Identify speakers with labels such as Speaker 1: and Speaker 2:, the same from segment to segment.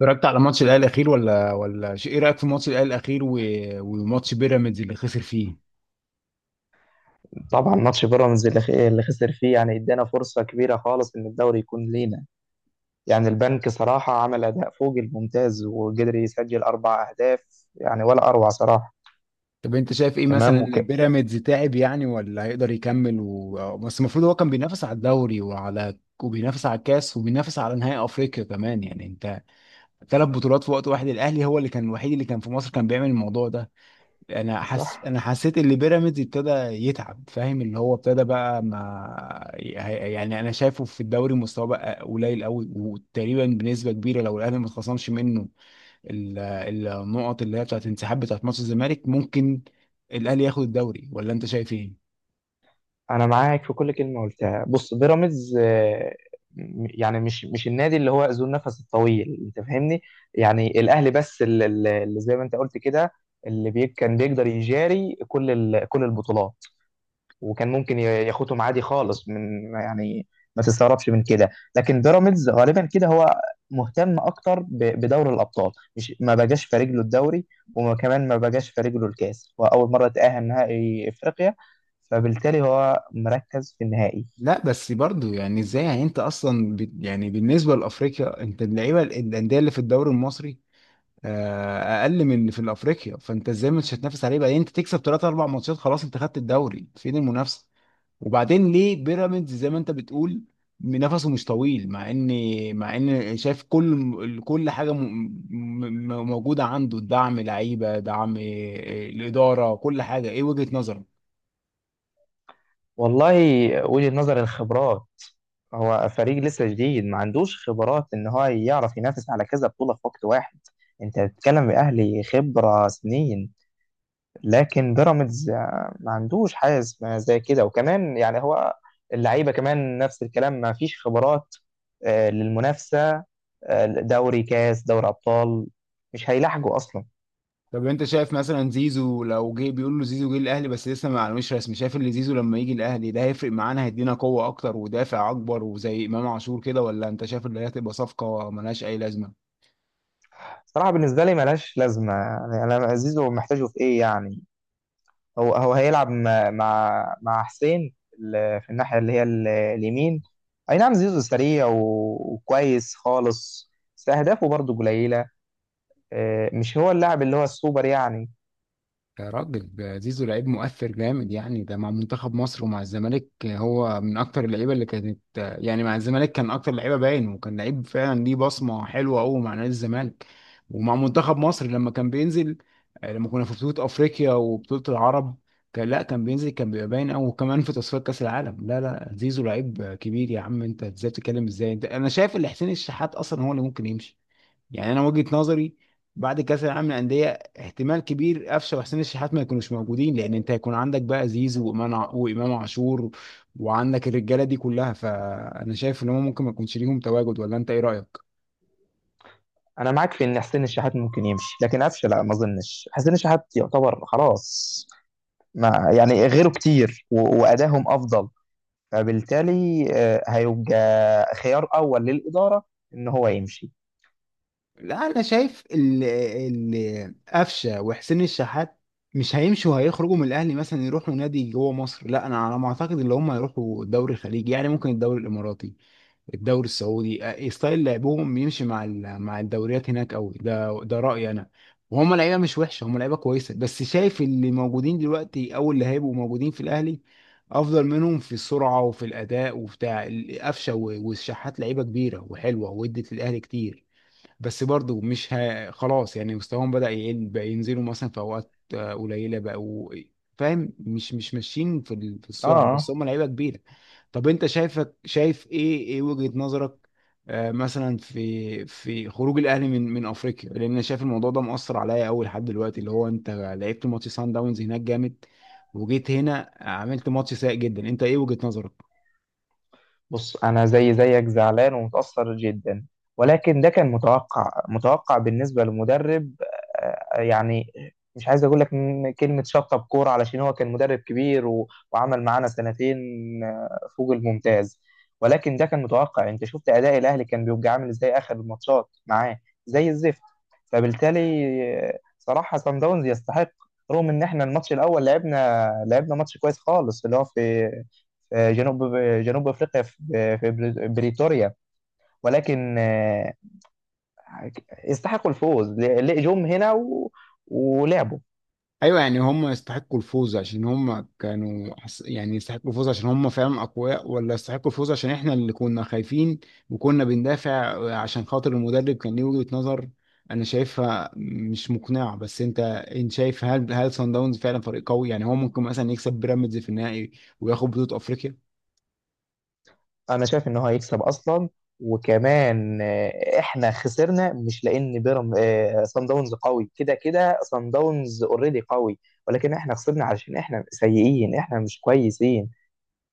Speaker 1: اتفرجت على ماتش الاهلي الاخير ولا شيء؟ ايه رايك في ماتش الاهلي الاخير وماتش بيراميدز اللي خسر فيه؟
Speaker 2: طبعا ماتش بيراميدز اللي خسر فيه يعني ادانا فرصة كبيرة خالص ان الدوري يكون لينا. يعني البنك صراحة عمل اداء فوق الممتاز وقدر يسجل 4 اهداف. يعني ولا اروع صراحة.
Speaker 1: طب انت شايف ايه
Speaker 2: تمام
Speaker 1: مثلا؟
Speaker 2: وكده.
Speaker 1: بيراميدز تعب يعني ولا هيقدر يكمل؟ بس المفروض هو كان بينافس على الدوري وبينافس على الكاس وبينافس على نهائي افريقيا كمان، يعني انت ثلاث بطولات في وقت واحد. الاهلي هو اللي كان الوحيد اللي كان في مصر كان بيعمل الموضوع ده.
Speaker 2: صح.
Speaker 1: انا حسيت ان بيراميدز ابتدى يتعب، فاهم؟ اللي هو ابتدى بقى، ما يعني انا شايفه في الدوري مستواه بقى قليل قوي، وتقريبا بنسبه كبيره لو الاهلي ما اتخصمش منه ال- النقط اللي هي بتاعت انسحاب، بتاعت ماتش الزمالك، ممكن الاهلي ياخد الدوري، ولا انت شايف ايه؟
Speaker 2: انا معاك في كل كلمة قلتها. بص بيراميدز يعني مش النادي اللي هو ذو النفس الطويل، انت فاهمني. يعني الاهلي بس اللي زي ما انت قلت كده، كان بيقدر يجاري كل البطولات، وكان ممكن ياخدهم عادي خالص من يعني. ما تستغربش من كده. لكن بيراميدز غالبا كده هو مهتم اكتر بدوري الابطال، مش ما بقاش في رجله الدوري، وكمان ما بقاش في رجله الكاس. هو اول مره تاهل نهائي افريقيا، فبالتالي هو مركز في النهائي.
Speaker 1: لا بس برضو يعني ازاي؟ يعني انت اصلا يعني بالنسبه لافريقيا، انت اللعيبه، الانديه اللي في الدوري المصري اقل من اللي في الافريقيا، فانت ازاي مش هتنافس عليه؟ بعدين انت تكسب ثلاث اربع ماتشات خلاص انت خدت الدوري، فين المنافسه؟ وبعدين ليه بيراميدز زي ما انت بتقول نفسه مش طويل؟ مع ان مع ان شايف كل حاجه م... م... م- موجوده عنده: دعم، لعيبه، دعم، الاداره، كل حاجه. ايه وجهه نظرك؟
Speaker 2: والله، وجهه نظر الخبرات. هو فريق لسه جديد ما عندوش خبرات ان هو يعرف ينافس على كذا بطولة في وقت واحد. انت بتتكلم باهلي خبرة سنين. لكن بيراميدز ما عندوش حارس ما زي كده، وكمان يعني هو اللعيبه كمان نفس الكلام، ما فيش خبرات للمنافسه. دوري، كاس، دوري ابطال، مش هيلاحقوا اصلا.
Speaker 1: طب انت شايف مثلا زيزو لو جه، بيقول له زيزو جه الاهلي بس لسه ما معلومش رسمي، شايف ان زيزو لما يجي الاهلي ده هيفرق معانا، هيدينا قوة اكتر ودافع اكبر وزي امام عاشور كده، ولا انت شايف ان هي هتبقى صفقة ملهاش اي لازمة؟
Speaker 2: صراحه بالنسبه لي ملهاش لازمه. يعني انا زيزو محتاجه في ايه يعني؟ هو هيلعب مع حسين في الناحيه اللي هي اليمين. اي نعم زيزو سريع وكويس خالص، بس اهدافه برضه قليله. مش هو اللاعب اللي هو السوبر يعني.
Speaker 1: يا راجل، ده زيزو لعيب مؤثر جامد يعني. ده مع منتخب مصر ومع الزمالك هو من اكتر اللعيبه اللي كانت يعني، مع الزمالك كان اكتر لعيبه باين، وكان لعيب فعلا ليه بصمه حلوه قوي مع نادي الزمالك، ومع منتخب مصر لما كان بينزل، لما كنا في بطوله افريقيا وبطوله العرب كان، لا، كان بينزل كان بيبقى باين قوي، وكمان في تصفيات كاس العالم. لا لا، زيزو لعيب كبير يا عم، انت ازاي بتتكلم ازاي؟ انت انا شايف ان حسين الشحات اصلا هو اللي ممكن يمشي، يعني انا وجهة نظري بعد كاس العالم للانديه احتمال كبير قفشه وحسين الشحات ما يكونوش موجودين، لان انت هيكون عندك بقى زيزو وامام عاشور، وعندك الرجاله دي كلها، فانا شايف ان هم ممكن ما يكونش ليهم تواجد، ولا انت ايه رايك؟
Speaker 2: انا معاك في ان حسين الشحات ممكن يمشي، لكن قفشه لا ما اظنش. حسين الشحات يعتبر خلاص ما يعني غيره كتير وادائهم افضل، فبالتالي هيبقى خيار اول للاداره ان هو يمشي.
Speaker 1: لا انا شايف ال قفشه وحسين الشحات مش هيمشوا هيخرجوا من الاهلي مثلا يروحوا نادي جوه مصر، لا انا على ما اعتقد اللي هم هيروحوا الدوري الخليجي، يعني ممكن الدوري الاماراتي، الدوري السعودي. ستايل لعبهم يمشي مع الدوريات هناك قوي، ده رأيي انا. وهم لعيبه مش وحشه، هم لعيبه كويسه، بس شايف اللي موجودين دلوقتي او اللي هيبقوا موجودين في الاهلي افضل منهم في السرعه وفي الاداء وبتاع. القفشه والشحات لعيبه كبيره وحلوه وادت للاهلي كتير، بس برضو مش ه... خلاص يعني مستواهم بدأ يقل، بقى ينزلوا مثلا في اوقات قليله، بقوا فاهم؟ مش ماشيين في السرعه،
Speaker 2: اه.
Speaker 1: بس هم لعيبه كبيره. طب انت شايف ايه وجهه نظرك مثلا في خروج الاهلي من افريقيا، لان انا شايف الموضوع ده مؤثر عليا قوي لحد دلوقتي، اللي هو انت لعبت ماتش سان داونز هناك جامد، وجيت هنا عملت ماتش سيء جدا. انت ايه وجهه نظرك؟
Speaker 2: بص أنا زي زيك زعلان ومتأثر جدا، ولكن ده كان متوقع. متوقع بالنسبة لمدرب يعني مش عايز أقول لك إن كلمة شطب كورة، علشان هو كان مدرب كبير وعمل معانا سنتين فوق الممتاز. ولكن ده كان متوقع. أنت شفت أداء الأهلي كان بيبقى عامل إزاي آخر الماتشات معاه؟ زي الزفت. فبالتالي صراحة صن داونز يستحق، رغم إن إحنا الماتش الأول لعبنا ماتش كويس خالص اللي هو في جنوب افريقيا في بريتوريا، ولكن يستحقوا الفوز. جم هنا ولعبوا.
Speaker 1: ايوه، يعني هم يستحقوا الفوز عشان هم كانوا يعني يستحقوا الفوز عشان هم فعلا اقوياء، ولا يستحقوا الفوز عشان احنا اللي كنا خايفين وكنا بندافع عشان خاطر المدرب كان ليه وجهة نظر انا شايفها مش مقنعة؟ بس انت، انت شايف هل سان داونز فعلا فريق قوي؟ يعني هو ممكن مثلا يكسب بيراميدز في النهائي وياخد بطولة افريقيا؟
Speaker 2: انا شايف ان هو هيكسب اصلا، وكمان احنا خسرنا مش لان بيرم آه، صن داونز قوي. كده كده صن داونز اوريدي قوي، ولكن احنا خسرنا علشان احنا سيئين، احنا مش كويسين،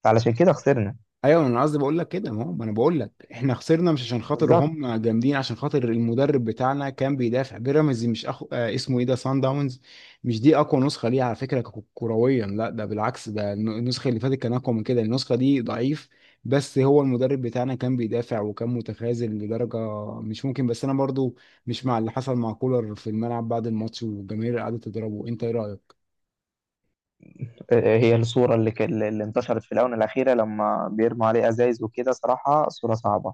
Speaker 2: فعلشان كده خسرنا.
Speaker 1: ايوه، انا قصدي بقول لك كده، ما هو ما انا بقول لك احنا خسرنا مش عشان خاطر
Speaker 2: بالظبط.
Speaker 1: هم جامدين، عشان خاطر المدرب بتاعنا كان بيدافع. بيراميدز دي مش أخو... آه اسمه ايه ده، سان داونز، مش دي اقوى نسخه ليه على فكره كرويا. لا ده بالعكس، ده النسخه اللي فاتت كان اقوى من كده، النسخه دي ضعيف. بس هو المدرب بتاعنا كان بيدافع وكان متخاذل لدرجه مش ممكن. بس انا برضو مش مع اللي حصل مع كولر في الملعب بعد الماتش والجماهير قعدت تضربه. انت ايه رايك؟
Speaker 2: هي الصورة اللي انتشرت في الآونة الأخيرة لما بيرموا عليه أزايز وكده، صراحة صورة صعبة.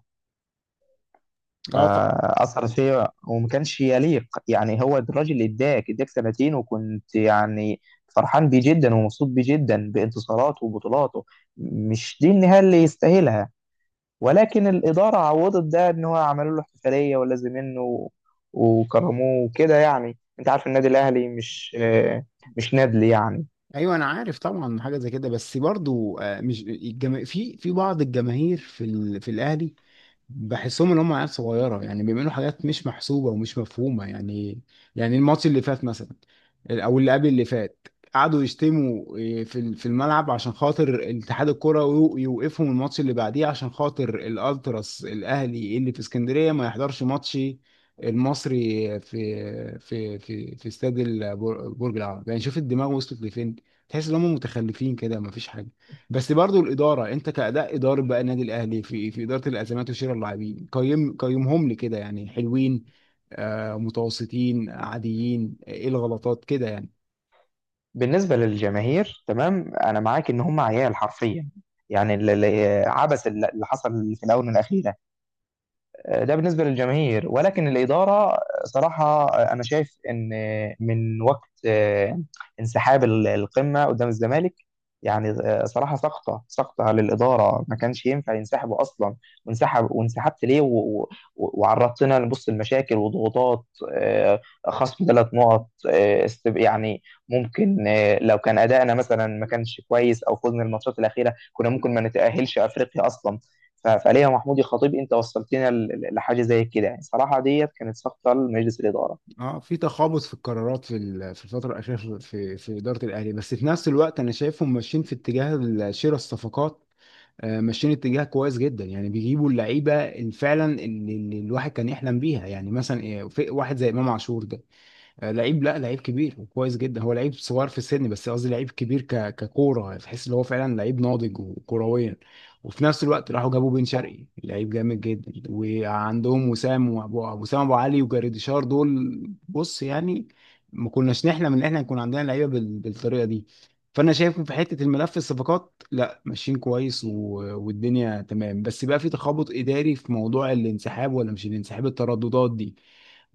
Speaker 1: اه طبعا.
Speaker 2: فأثرت فيا وما كانش يليق. يعني هو الراجل اللي اداك سنتين، وكنت يعني فرحان بيه جدا ومبسوط بيه جدا بانتصاراته وبطولاته. مش دي النهاية اللي يستاهلها. ولكن الإدارة عوضت ده إن هو عملوا له احتفالية ولازم منه، وكرموه وكده. يعني أنت عارف النادي الأهلي مش مش نادل يعني.
Speaker 1: ايوه انا عارف طبعا حاجه زي كده، بس برضو مش في بعض الجماهير في الاهلي، بحسهم ان هم عيال صغيره، يعني بيعملوا حاجات مش محسوبه ومش مفهومه يعني. يعني الماتش اللي فات مثلا، او اللي قبل اللي فات، قعدوا يشتموا في في الملعب عشان خاطر اتحاد الكرة، يوقفهم الماتش اللي بعديه عشان خاطر الالتراس الاهلي اللي في اسكندريه ما يحضرش ماتش المصري في في استاد برج العرب. يعني شوف الدماغ وصلت لفين، تحس ان هم متخلفين كده، ما فيش. بس برضو الاداره، انت كاداء اداره بقى النادي الاهلي في اداره الازمات وشراء اللاعبين، قيمهم لي كده يعني. حلوين، آه، متوسطين، عاديين، ايه الغلطات كده يعني؟
Speaker 2: بالنسبة للجماهير تمام، أنا معاك إن هم عيال حرفيا. يعني عبث اللي حصل في الآونة الأخيرة ده بالنسبة للجماهير. ولكن الإدارة صراحة، أنا شايف إن من وقت انسحاب القمة قدام الزمالك، يعني صراحة سقطة سقطة للإدارة، ما كانش ينفع ينسحبوا أصلا. وانسحبت ليه وعرضتنا لبص المشاكل وضغوطات. آه، خصم 3 نقط، يعني ممكن لو كان أدائنا مثلا ما كانش كويس، أو فزنا الماتشات الأخيرة، كنا ممكن ما نتأهلش أفريقيا أصلا. فليلى محمود يا خطيب، انت وصلتنا لحاجه زي كده. يعني صراحه ديت كانت سقطه لمجلس الاداره.
Speaker 1: اه، في تخابط في القرارات في الفتره الاخيره في اداره الاهلي، بس في نفس الوقت انا شايفهم ماشيين في اتجاه شراء الصفقات. ماشيين اتجاه كويس جدا، يعني بيجيبوا اللعيبه اللي فعلا اللي الواحد كان يحلم بيها. يعني مثلا في واحد زي امام عاشور ده، لعيب، لا لعيب كبير وكويس جدا. هو لعيب صغير في السن، بس قصدي لعيب كبير ككوره، تحس ان هو فعلا لعيب ناضج وكرويا. وفي نفس الوقت راحوا جابوا بن
Speaker 2: صح.
Speaker 1: شرقي، لعيب جامد جدا، وعندهم وسام وسام ابو علي وجريديشار دول. بص يعني ما كناش نحلم ان احنا يكون عندنا لعيبه بالطريقه دي. فانا شايف في حته الملف الصفقات لا ماشيين كويس والدنيا تمام، بس بقى في تخبط اداري في موضوع الانسحاب، ولا مش الانسحاب، الترددات دي.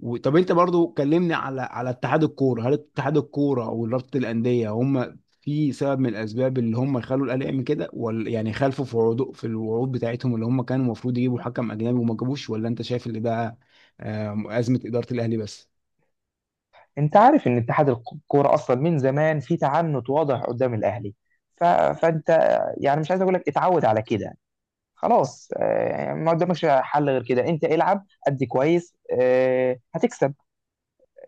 Speaker 1: طب انت برضو كلمني على اتحاد الكوره، هل اتحاد الكوره ورابطه الانديه هم في سبب من الاسباب اللي هم خلوا الاهلي يعمل كده، ولا يعني خالفوا في عروض، في الوعود بتاعتهم اللي هم كانوا المفروض يجيبوا حكم اجنبي وما جابوش، ولا انت شايف اللي ده ازمه اداره الاهلي بس؟
Speaker 2: انت عارف ان اتحاد الكوره اصلا من زمان في تعنت واضح قدام الاهلي. فانت يعني مش عايز اقول لك اتعود على كده. خلاص ما قدامكش حل غير كده. انت العب ادي كويس هتكسب.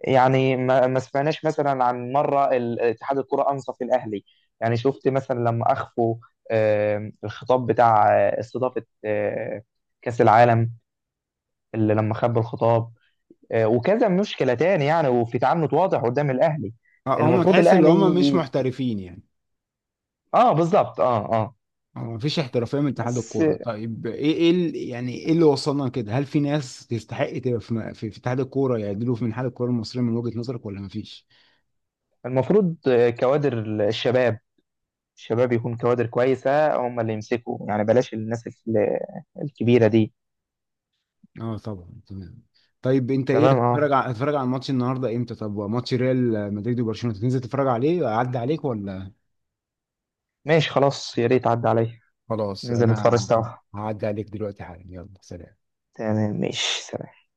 Speaker 2: يعني ما سمعناش مثلا عن مره اتحاد الكره انصف الاهلي. يعني شفت مثلا لما اخفوا الخطاب بتاع استضافه كاس العالم، اللي لما خبوا الخطاب وكذا مشكله تاني. يعني وفي تعنت واضح قدام الاهلي.
Speaker 1: اه، هم
Speaker 2: المفروض
Speaker 1: تحس ان هم مش
Speaker 2: الاهلي.
Speaker 1: محترفين يعني،
Speaker 2: اه بالظبط، اه اه.
Speaker 1: ما فيش احترافيه من اتحاد
Speaker 2: بس
Speaker 1: الكوره. طيب ايه يعني ايه اللي وصلنا كده؟ هل في ناس تستحق تبقى في في في اتحاد الكوره يعدلوا من اتحاد الكوره المصريه من وجهه نظرك، ولا ما فيش؟
Speaker 2: المفروض كوادر الشباب. الشباب يكون كوادر كويسه هم اللي يمسكوا يعني. بلاش الناس الكبيره دي.
Speaker 1: اه طبعا تمام. طيب انت ايه،
Speaker 2: تمام اه.
Speaker 1: هتتفرج على، هتتفرج على الماتش النهارده امتى؟ طب ماتش ريال مدريد وبرشلونه تنزل تتفرج عليه، اعدي عليك ولا؟
Speaker 2: ماشي خلاص، يا ريت عدى عليا
Speaker 1: خلاص،
Speaker 2: ننزل نتفرج
Speaker 1: انا
Speaker 2: سوا.
Speaker 1: هعدي عليك دلوقتي حالا، يلا سلام.
Speaker 2: تمام ماشي.